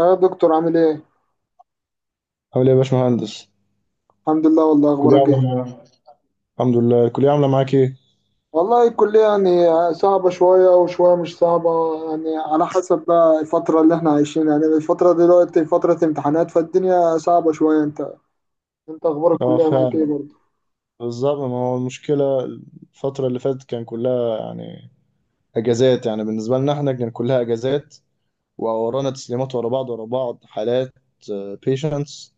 يا دكتور، عامل ايه؟ عامل ايه يا باشمهندس؟ الحمد لله، والله الكلية اخبارك ايه؟ عاملة معاك الحمد لله، الكلية عاملة معاك ايه؟ والله الكلية يعني صعبة شوية وشوية مش صعبة، يعني على حسب بقى الفترة اللي احنا عايشينها. يعني الفترة دلوقتي فترة امتحانات، فالدنيا صعبة شوية. انت اخبار اه الكلية معاك ايه فعلا، برضه؟ بالظبط. ما هو المشكلة، الفترة اللي فاتت كان كلها يعني اجازات، يعني بالنسبة لنا احنا كان كلها اجازات، وورانا تسليمات ورا بعض ورا بعض حالات بيشنتس،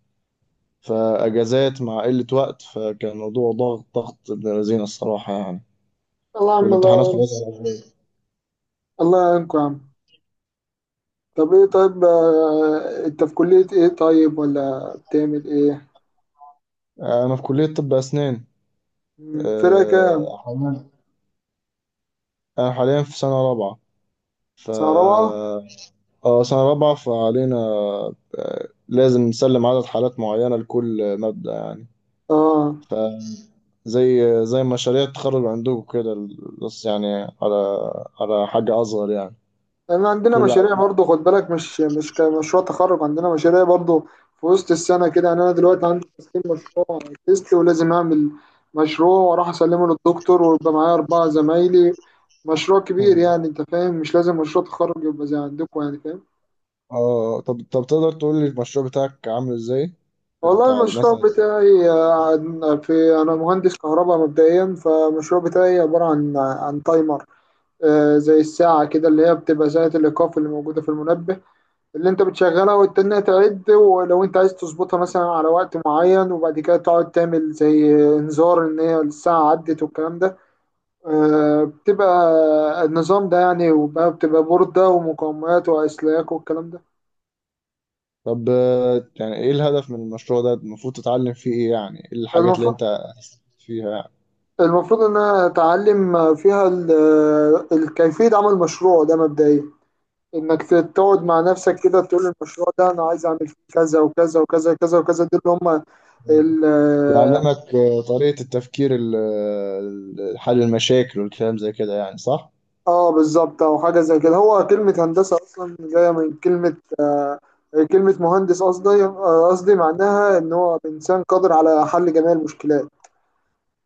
فاجازات مع قلة وقت، فكان الموضوع ضغط ضغط ابن لذينه الصراحة يعني. الله يا عم، والامتحانات الله يعين. خلاص خلاص على خير. الله يعينكم يا عم. طب ايه طيب، انت في كلية ايه، طيب ولا بتعمل ايه؟ انا في كلية طب اسنان. فرقة كام؟ حمد. انا حاليا في سنة رابعة. ف سنة رابعة؟ اه سنة رابعة، فعلينا لازم نسلم عدد حالات معينة لكل مادة يعني. اه. فزي مشاريع التخرج عندكم كده، بس يعني على حاجة أصغر يعني. لان عندنا كل مشاريع عيل. برضو، خد بالك، مش كمشروع تخرج، عندنا مشاريع برضو في وسط السنه كده. يعني انا دلوقتي عندي تسليم مشروع تيست، ولازم اعمل مشروع واروح اسلمه للدكتور، ويبقى معايا اربعه زمايلي. مشروع كبير يعني، انت فاهم؟ مش لازم مشروع تخرج يبقى زي عندكم، يعني فاهم. اه، طب تقدر تقول لي المشروع بتاعك عامل ازاي؟ والله بتاع المشروع مثلا. بتاعي آه، في انا مهندس كهرباء مبدئيا، فالمشروع بتاعي عباره عن تايمر. زي الساعه كده، اللي هي بتبقى ساعه الايقاف اللي موجوده في المنبه، اللي انت بتشغلها وتستناها تعد، ولو انت عايز تظبطها مثلا على وقت معين وبعد كده تقعد تعمل زي انذار ان هي الساعة عدت والكلام ده. آه، بتبقى النظام ده يعني، وبقى بتبقى بوردة ومقاومات وأسلاك والكلام ده. طب يعني ايه الهدف من المشروع ده؟ المفروض تتعلم فيه ايه؟ يعني ايه الحاجات اللي المفروض انت هتستفيد فيها يعني؟ المفروض ان انا اتعلم فيها كيفية عمل مشروع ده مبدئيا، انك تقعد مع نفسك كده تقول المشروع ده انا عايز اعمل فيه كذا وكذا وكذا وكذا وكذا، دول اللي هم. بيعلمك طريقة التفكير، حل المشاكل والكلام زي كده، يعني صح؟ اه بالظبط، او حاجه زي كده. هو كلمه هندسه اصلا جايه من كلمه مهندس، قصدي قصدي معناها ان هو انسان قادر على حل جميع المشكلات.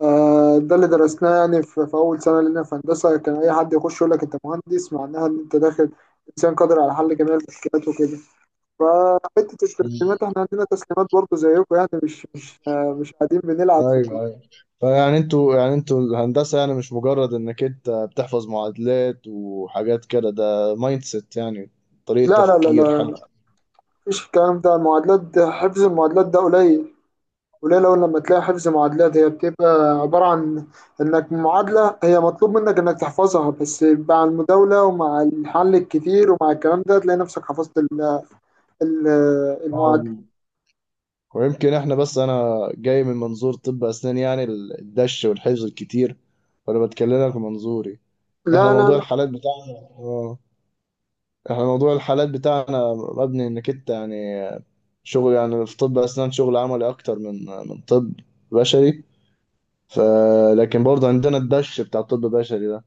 آه، ده اللي درسناه يعني في، اول سنه لنا في هندسه، كان اي حد يخش يقول لك انت مهندس معناها ان انت داخل انسان قادر على حل جميع المشكلات وكده. فحته مم. التسليمات احنا عندنا تسليمات برضه زيكم، يعني مش قاعدين بنلعب في ايوه الكليه. ايوه، فيعني انتوا، يعني انتوا الهندسه يعني مش مجرد انك انت بتحفظ معادلات وحاجات كده، ده مايند سيت يعني، طريقه لا لا لا تفكير حلو. لا مفيش الكلام ده. المعادلات، حفظ المعادلات ده قليل، وليه؟ لو لما تلاقي حفظ معادلات، هي بتبقى عبارة عن إنك معادلة هي مطلوب منك إنك تحفظها، بس مع المداولة ومع الحل الكتير ومع الكلام ده تلاقي نفسك حفظت ال- المعادلة. اه، ويمكن احنا بس انا جاي من منظور طب اسنان، يعني الدش والحفظ الكتير، وانا بتكلمك من منظوري. احنا لا لا موضوع لا الحالات بتاعنا، اه، احنا موضوع الحالات بتاعنا مبني انك انت يعني شغل، يعني في طب اسنان شغل عملي اكتر من طب بشري. ف... لكن برضه عندنا الدش بتاع الطب البشري ده.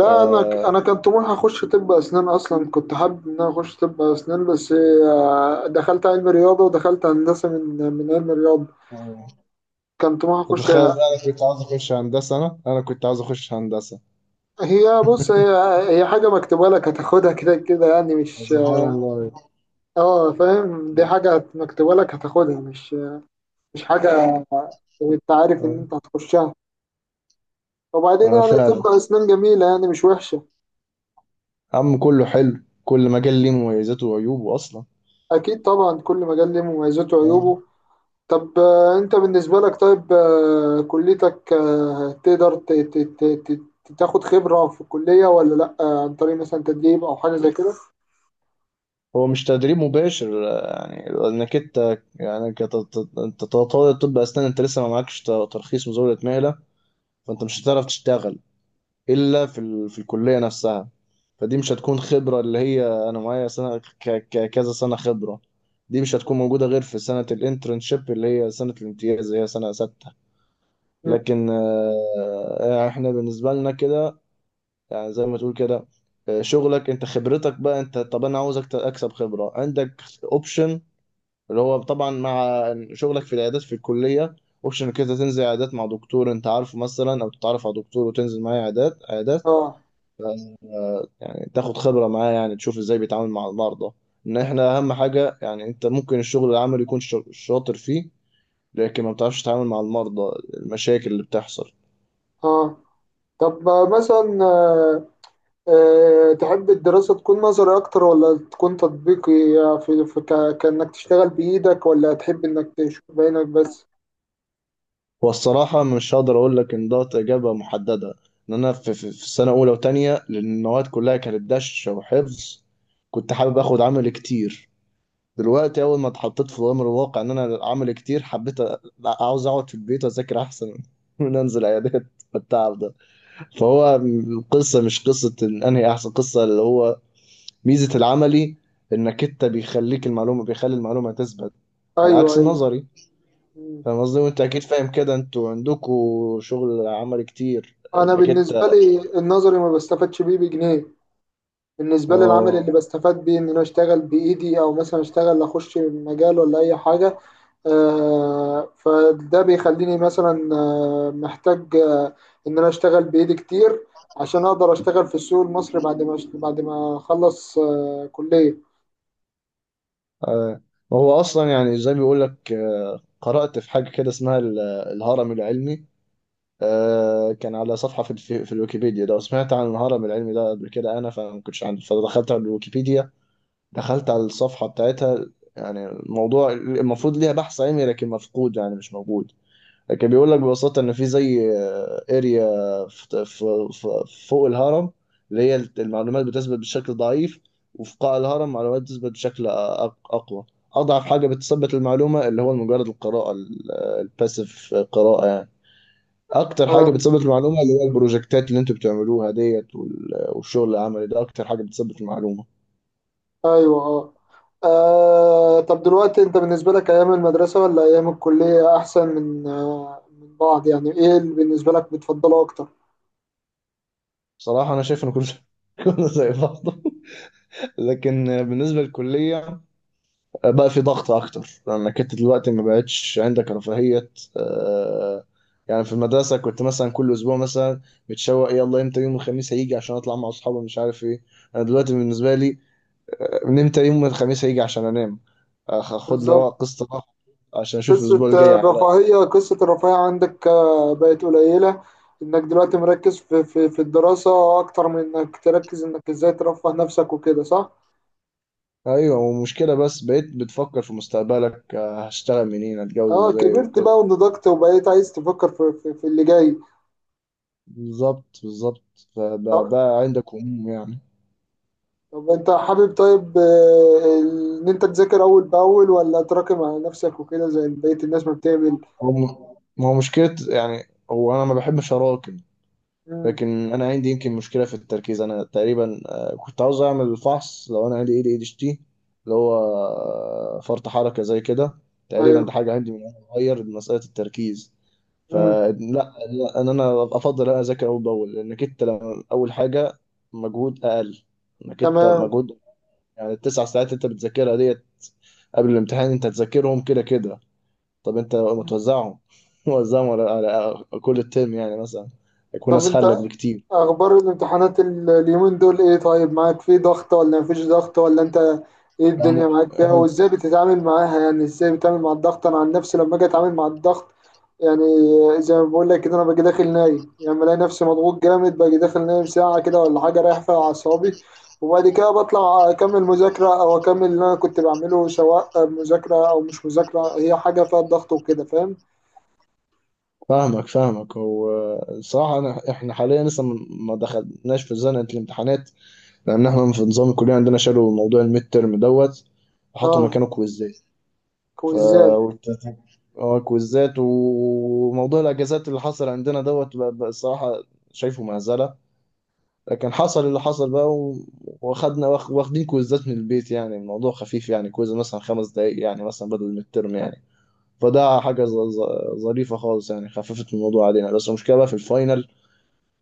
ف... أنا كان طموحي أخش طب أسنان أصلا، كنت حابب إن أنا أخش طب أسنان، بس دخلت علم رياضة، ودخلت هندسة من علم رياضة. كان طموحي كنت أخش. متخيل إن انا كنت عاوز اخش هندسه، انا كنت عاوز اخش هندسه. هي بص هي هي حاجة مكتوبة لك، هتاخدها كده كده يعني، مش سبحان الله. اه فاهم؟ دي حاجة مكتوبة لك هتاخدها، مش مش حاجة انت عارف ان أيوة. انت هتخشها. وبعدين آه يعني فعلا، تبقى اسنان جميلة يعني، مش وحشة. عم كله حلو، كل مجال ليه مميزاته وعيوبه اصلا. اكيد طبعا، كل مجال ليه مميزاته أيوة. وعيوبه. طب انت بالنسبة لك طيب، كليتك آه، تقدر ت- ت- ت- ت- تاخد خبرة في الكلية ولا لأ، عن طريق مثلا تدريب او حاجة زي كده؟ هو مش تدريب مباشر، يعني انك انت يعني كطالب طب اسنان انت لسه ما معكش ترخيص مزاوله مهله، فانت مش هتعرف تشتغل الا في الكليه نفسها. فدي مش هتكون خبره، اللي هي انا معايا سنه كذا سنه خبره. دي مش هتكون موجوده غير في سنه الانترنشيب، اللي هي سنه الامتياز، اللي هي سنه سته. مم. لكن احنا بالنسبه لنا كده، يعني زي ما تقول كده، شغلك انت خبرتك بقى انت، طب انا عاوزك اكسب خبره عندك، اوبشن، اللي هو طبعا مع شغلك في العيادات في الكليه. اوبشن كده تنزل عيادات مع دكتور انت عارفه مثلا، او تتعرف على دكتور وتنزل معاه عيادات عيادات، اه تاخد خبرة معاه، يعني تشوف ازاي بيتعامل مع المرضى. ان احنا اهم حاجة يعني، انت ممكن الشغل العملي يكون شاطر فيه، لكن ما بتعرفش تتعامل مع المرضى، المشاكل اللي بتحصل. اه، طب آه، مثلا آه، أه تحب الدراسة تكون نظري أكتر ولا تكون تطبيقي؟ يعني في، كأنك تشتغل بإيدك، ولا تحب إنك تشوف بعينك بس؟ هو الصراحة مش هقدر اقول لك ان ده اجابة محددة. ان انا في السنة اولى وتانية لان المواد كلها كانت دشة وحفظ، كنت حابب اخد عمل كتير. دلوقتي اول ما اتحطيت في امر الواقع ان انا عمل كتير، حبيت عاوز اقعد في البيت واذاكر احسن من انزل عيادات بالتعب ده. فهو القصة مش قصة إن انهي احسن، قصة اللي هو ميزة العملي، انك انت بيخليك المعلومة، بيخلي المعلومة تثبت على أيوه عكس أيوه. النظري. مم. فاهم قصدي؟ وانت اكيد فاهم كده، انتوا عندكوا شغل عملي كتير أنا انك بالنسبة انت. لي النظري ما بستفادش بيه بجنيه، بالنسبة لي العمل اللي اه. بستفاد بيه إن أنا أشتغل بإيدي، أو مثلا أشتغل أخش مجال ولا أي حاجة. فده بيخليني مثلا محتاج ان انا اشتغل بايدي كتير، عشان اقدر اشتغل في السوق المصري بعد ما بعد ما اخلص كلية. آه. وهو اصلا يعني زي ما بيقول لك، قرأت في حاجة كده اسمها الهرم العلمي. كان على صفحة في في الويكيبيديا ده، وسمعت عن الهرم العلمي ده قبل كده انا، فما كنتش عندي فدخلت على الويكيبيديا، دخلت على الصفحة بتاعتها. يعني الموضوع المفروض ليها بحث علمي لكن مفقود، يعني مش موجود. لكن بيقول لك ببساطة إن في زي اريا في فوق الهرم، اللي هي المعلومات بتثبت بشكل ضعيف، وفي قاع الهرم معلومات بتثبت بشكل أقوى. أضعف حاجة بتثبت المعلومة اللي هو مجرد القراءة، الباسيف قراءة يعني. أكتر حاجة اه بتثبت المعلومة اللي هي البروجكتات اللي أنتوا بتعملوها ديت، والشغل العملي ده أكتر حاجة بتثبت المعلومة. ايوه اه. طب دلوقتي انت بالنسبة لك، ايام المدرسة ولا ايام الكلية احسن من من بعض؟ يعني ايه اللي بالنسبة لك بتفضله اكتر؟ بصراحة أنا شايف إن كل كنا زي بعض، لكن بالنسبة للكلية بقى في ضغط أكتر، لأنك أنت دلوقتي ما بقتش عندك رفاهية. آه، يعني في المدرسة كنت مثلا كل أسبوع مثلا متشوق، يلا إمتى يوم الخميس هيجي عشان أطلع مع أصحابي مش عارف إيه. أنا دلوقتي بالنسبة لي، من إمتى يوم الخميس هيجي عشان أنام، أخد لي بالظبط. قسط راحة عشان أشوف قصة الأسبوع الجاي على. الرفاهية، قصة الرفاهية عندك بقت قليلة، انك دلوقتي مركز في في الدراسة اكتر من انك تركز انك ازاي ترفه نفسك وكده، صح؟ أيوة، ومشكلة بس بقيت بتفكر في مستقبلك، هشتغل منين، هتجوز اه إزاي كبرت وكده. بقى ونضجت، وبقيت عايز تفكر في في، في اللي جاي. بالظبط بالظبط. فده آه، ده عندك عموم يعني. طب انت حابب طيب، ان انت تذاكر اول باول ولا تراكم على نفسك وكده زي بقية الناس ما بتعمل؟ هو ما هو مشكلة يعني، هو أنا ما بحبش أراكم، امم لكن أنا عندي يمكن مشكلة في التركيز. أنا تقريبا كنت عاوز أعمل الفحص لو أنا عندي ADHD، اللي هو فرط حركة زي كده، تقريبا ايوه ده حاجة عندي من وأنا صغير، مسألة التركيز. امم فلا لا، إن أنا أفضل أنا أذاكر أول بأول، لأنك أنت أول حاجة مجهود أقل، إنك أنت تمام. مجهود يعني، التسع ساعات أنت بتذاكرها ديت قبل الامتحان انت هتذاكرهم كده كده، طب انت متوزعهم موزعهم على كل الترم، يعني مثلا هيكون طب انت اسهل لك بكتير أخبار الامتحانات اليومين دول إيه طيب؟ معاك في ضغط ولا مفيش ضغط، ولا أنت إيه الدنيا يعني، معاك فيها؟ وإزاي بتتعامل معاها؟ يعني إزاي بتتعامل مع الضغط؟ أنا عن نفسي لما أجي أتعامل مع الضغط، يعني زي ما بقول لك كده، أنا باجي داخل نايم. يعني بلاقي نفسي مضغوط جامد، باجي داخل نايم ساعة كده ولا حاجة، رايح فيها أعصابي، وبعد كده بطلع أكمل مذاكرة أو أكمل اللي أنا كنت بعمله، سواء مذاكرة أو مش مذاكرة، هي حاجة فيها ضغط وكده، فاهم؟ فاهمك فاهمك. هو الصراحة إحنا حاليا لسه ما دخلناش في زنقة الامتحانات، لأن إحنا في نظام الكلية عندنا شالوا موضوع الميد ترم دوت وحطوا آه، مكانه كويزات. ف كويزات. والت- اه كويزات، وموضوع الأجازات اللي حصل عندنا دوت، بقى الصراحة شايفه مهزلة، لكن حصل اللي حصل بقى واخدين كويزات من البيت، يعني الموضوع خفيف، يعني كويز مثلا 5 دقايق يعني، مثلا بدل من الترم يعني. فده حاجة ظريفة خالص، يعني خففت الموضوع علينا، بس المشكلة بقى في الفاينل.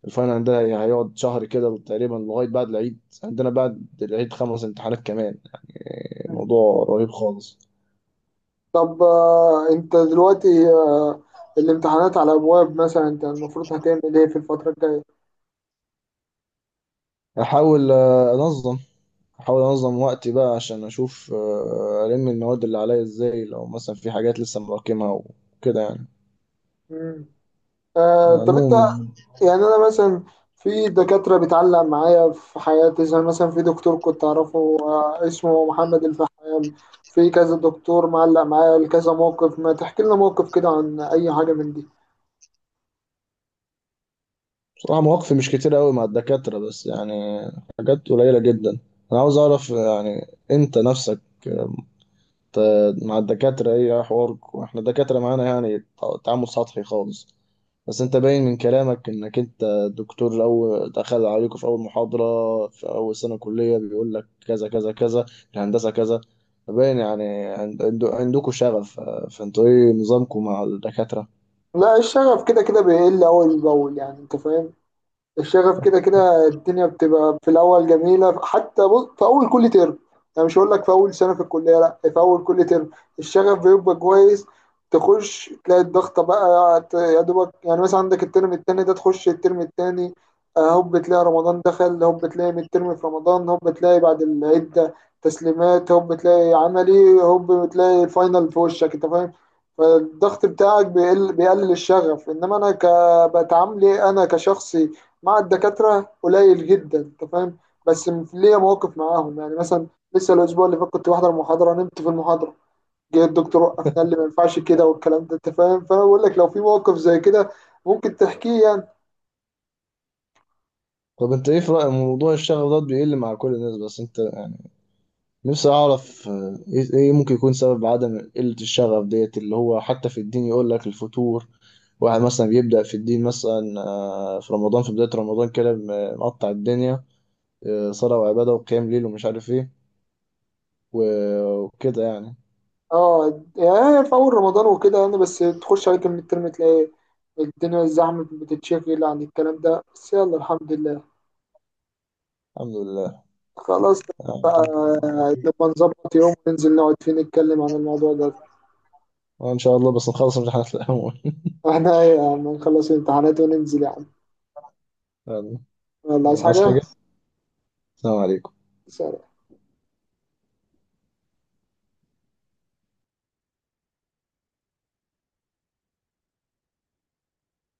الفاينل ده هيقعد شهر كده تقريبا لغاية بعد العيد، عندنا بعد العيد 5 امتحانات كمان، يعني موضوع رهيب خالص. طب آه، انت دلوقتي آه، الامتحانات على ابواب مثلا، انت المفروض هتعمل ايه في الفترة الجاية؟ أحاول أنظم، أحاول أنظم وقتي بقى عشان أشوف ألم المواد اللي عليا إزاي، لو مثلا في حاجات لسه مراكمها وكده يعني، مم. آه على طب انت، العموم. يعني انا مثلا في دكاترة بتعلق معايا في حياتي، زي مثلا في دكتور كنت اعرفه آه اسمه محمد الفحام، في كذا دكتور معلق معايا لكذا موقف. ما تحكي لنا موقف كده عن اي حاجة من دي. بصراحة مواقفي مش كتير قوي مع الدكاترة، بس يعني حاجات قليلة جدا. أنا عاوز أعرف يعني أنت نفسك ت- مع الدكاترة إيه حوارك. وإحنا الدكاترة معانا يعني تعامل سطحي خالص، بس أنت باين من كلامك إنك أنت الدكتور أول دخل عليكم في أول محاضرة في أول سنة كلية بيقول لك كذا كذا كذا، الهندسة كذا، باين يعني عندكم شغف، فأنتوا إيه نظامكم مع الدكاترة؟ لا، الشغف كده كده بيقل اول باول، يعني انت فاهم. الشغف كده كده الدنيا بتبقى في الاول جميله، حتى بص، في اول كل ترم، انا مش هقول لك في اول سنه في الكليه، لا، في اول كل ترم الشغف بيبقى كويس. تخش تلاقي الضغطه بقى يا دوبك، يعني مثلا عندك الترم التاني ده، تخش الترم التاني، هوب تلاقي رمضان دخل، هوب تلاقي من الترم في رمضان، هوب تلاقي بعد العده تسليمات، هوب تلاقي عملي، هوب تلاقي الفاينل في وشك، انت فاهم؟ فالضغط بتاعك بيقل، بيقلل الشغف. انما انا ك بتعاملي انا كشخصي مع الدكاترة قليل جدا، أنت فاهم. بس ليا مواقف معاهم، يعني مثلا لسه الأسبوع اللي فات كنت بحضر محاضرة، نمت في المحاضرة، جه الدكتور وقفنا، قال لي ما ينفعش كده والكلام ده، أنت فاهم؟ فأنا بقول لك لو في موقف زي كده ممكن تحكيه يعني. طب أنت إيه في رأيك؟ موضوع الشغف ده بيقل مع كل الناس، بس أنت نفسي أعرف إيه ممكن يكون سبب عدم قلة الشغف ديت، اللي هو حتى في الدين يقول لك الفتور. واحد مثلا بيبدأ في الدين مثلا في رمضان، في بداية رمضان كده مقطع الدنيا، صلاة وعبادة وقيام ليل ومش عارف إيه وكده يعني. أه، يعني في أول رمضان وكده يعني، بس تخش عليك من الترم تلاقي الدنيا الزحمة بتتشغل عن الكلام ده، بس يلا الحمد لله. الحمد لله. خلاص بقى، آه، نبقى نظبط يوم وننزل نقعد فيه نتكلم عن الموضوع ده. إن شاء الله بس نخلص امتحانات الأول. احنا ايه يا عم، نخلص الامتحانات وننزل يا عم. يلا. يلا، عايز عايز حاجة؟ حاجة؟ السلام عليكم. سلام.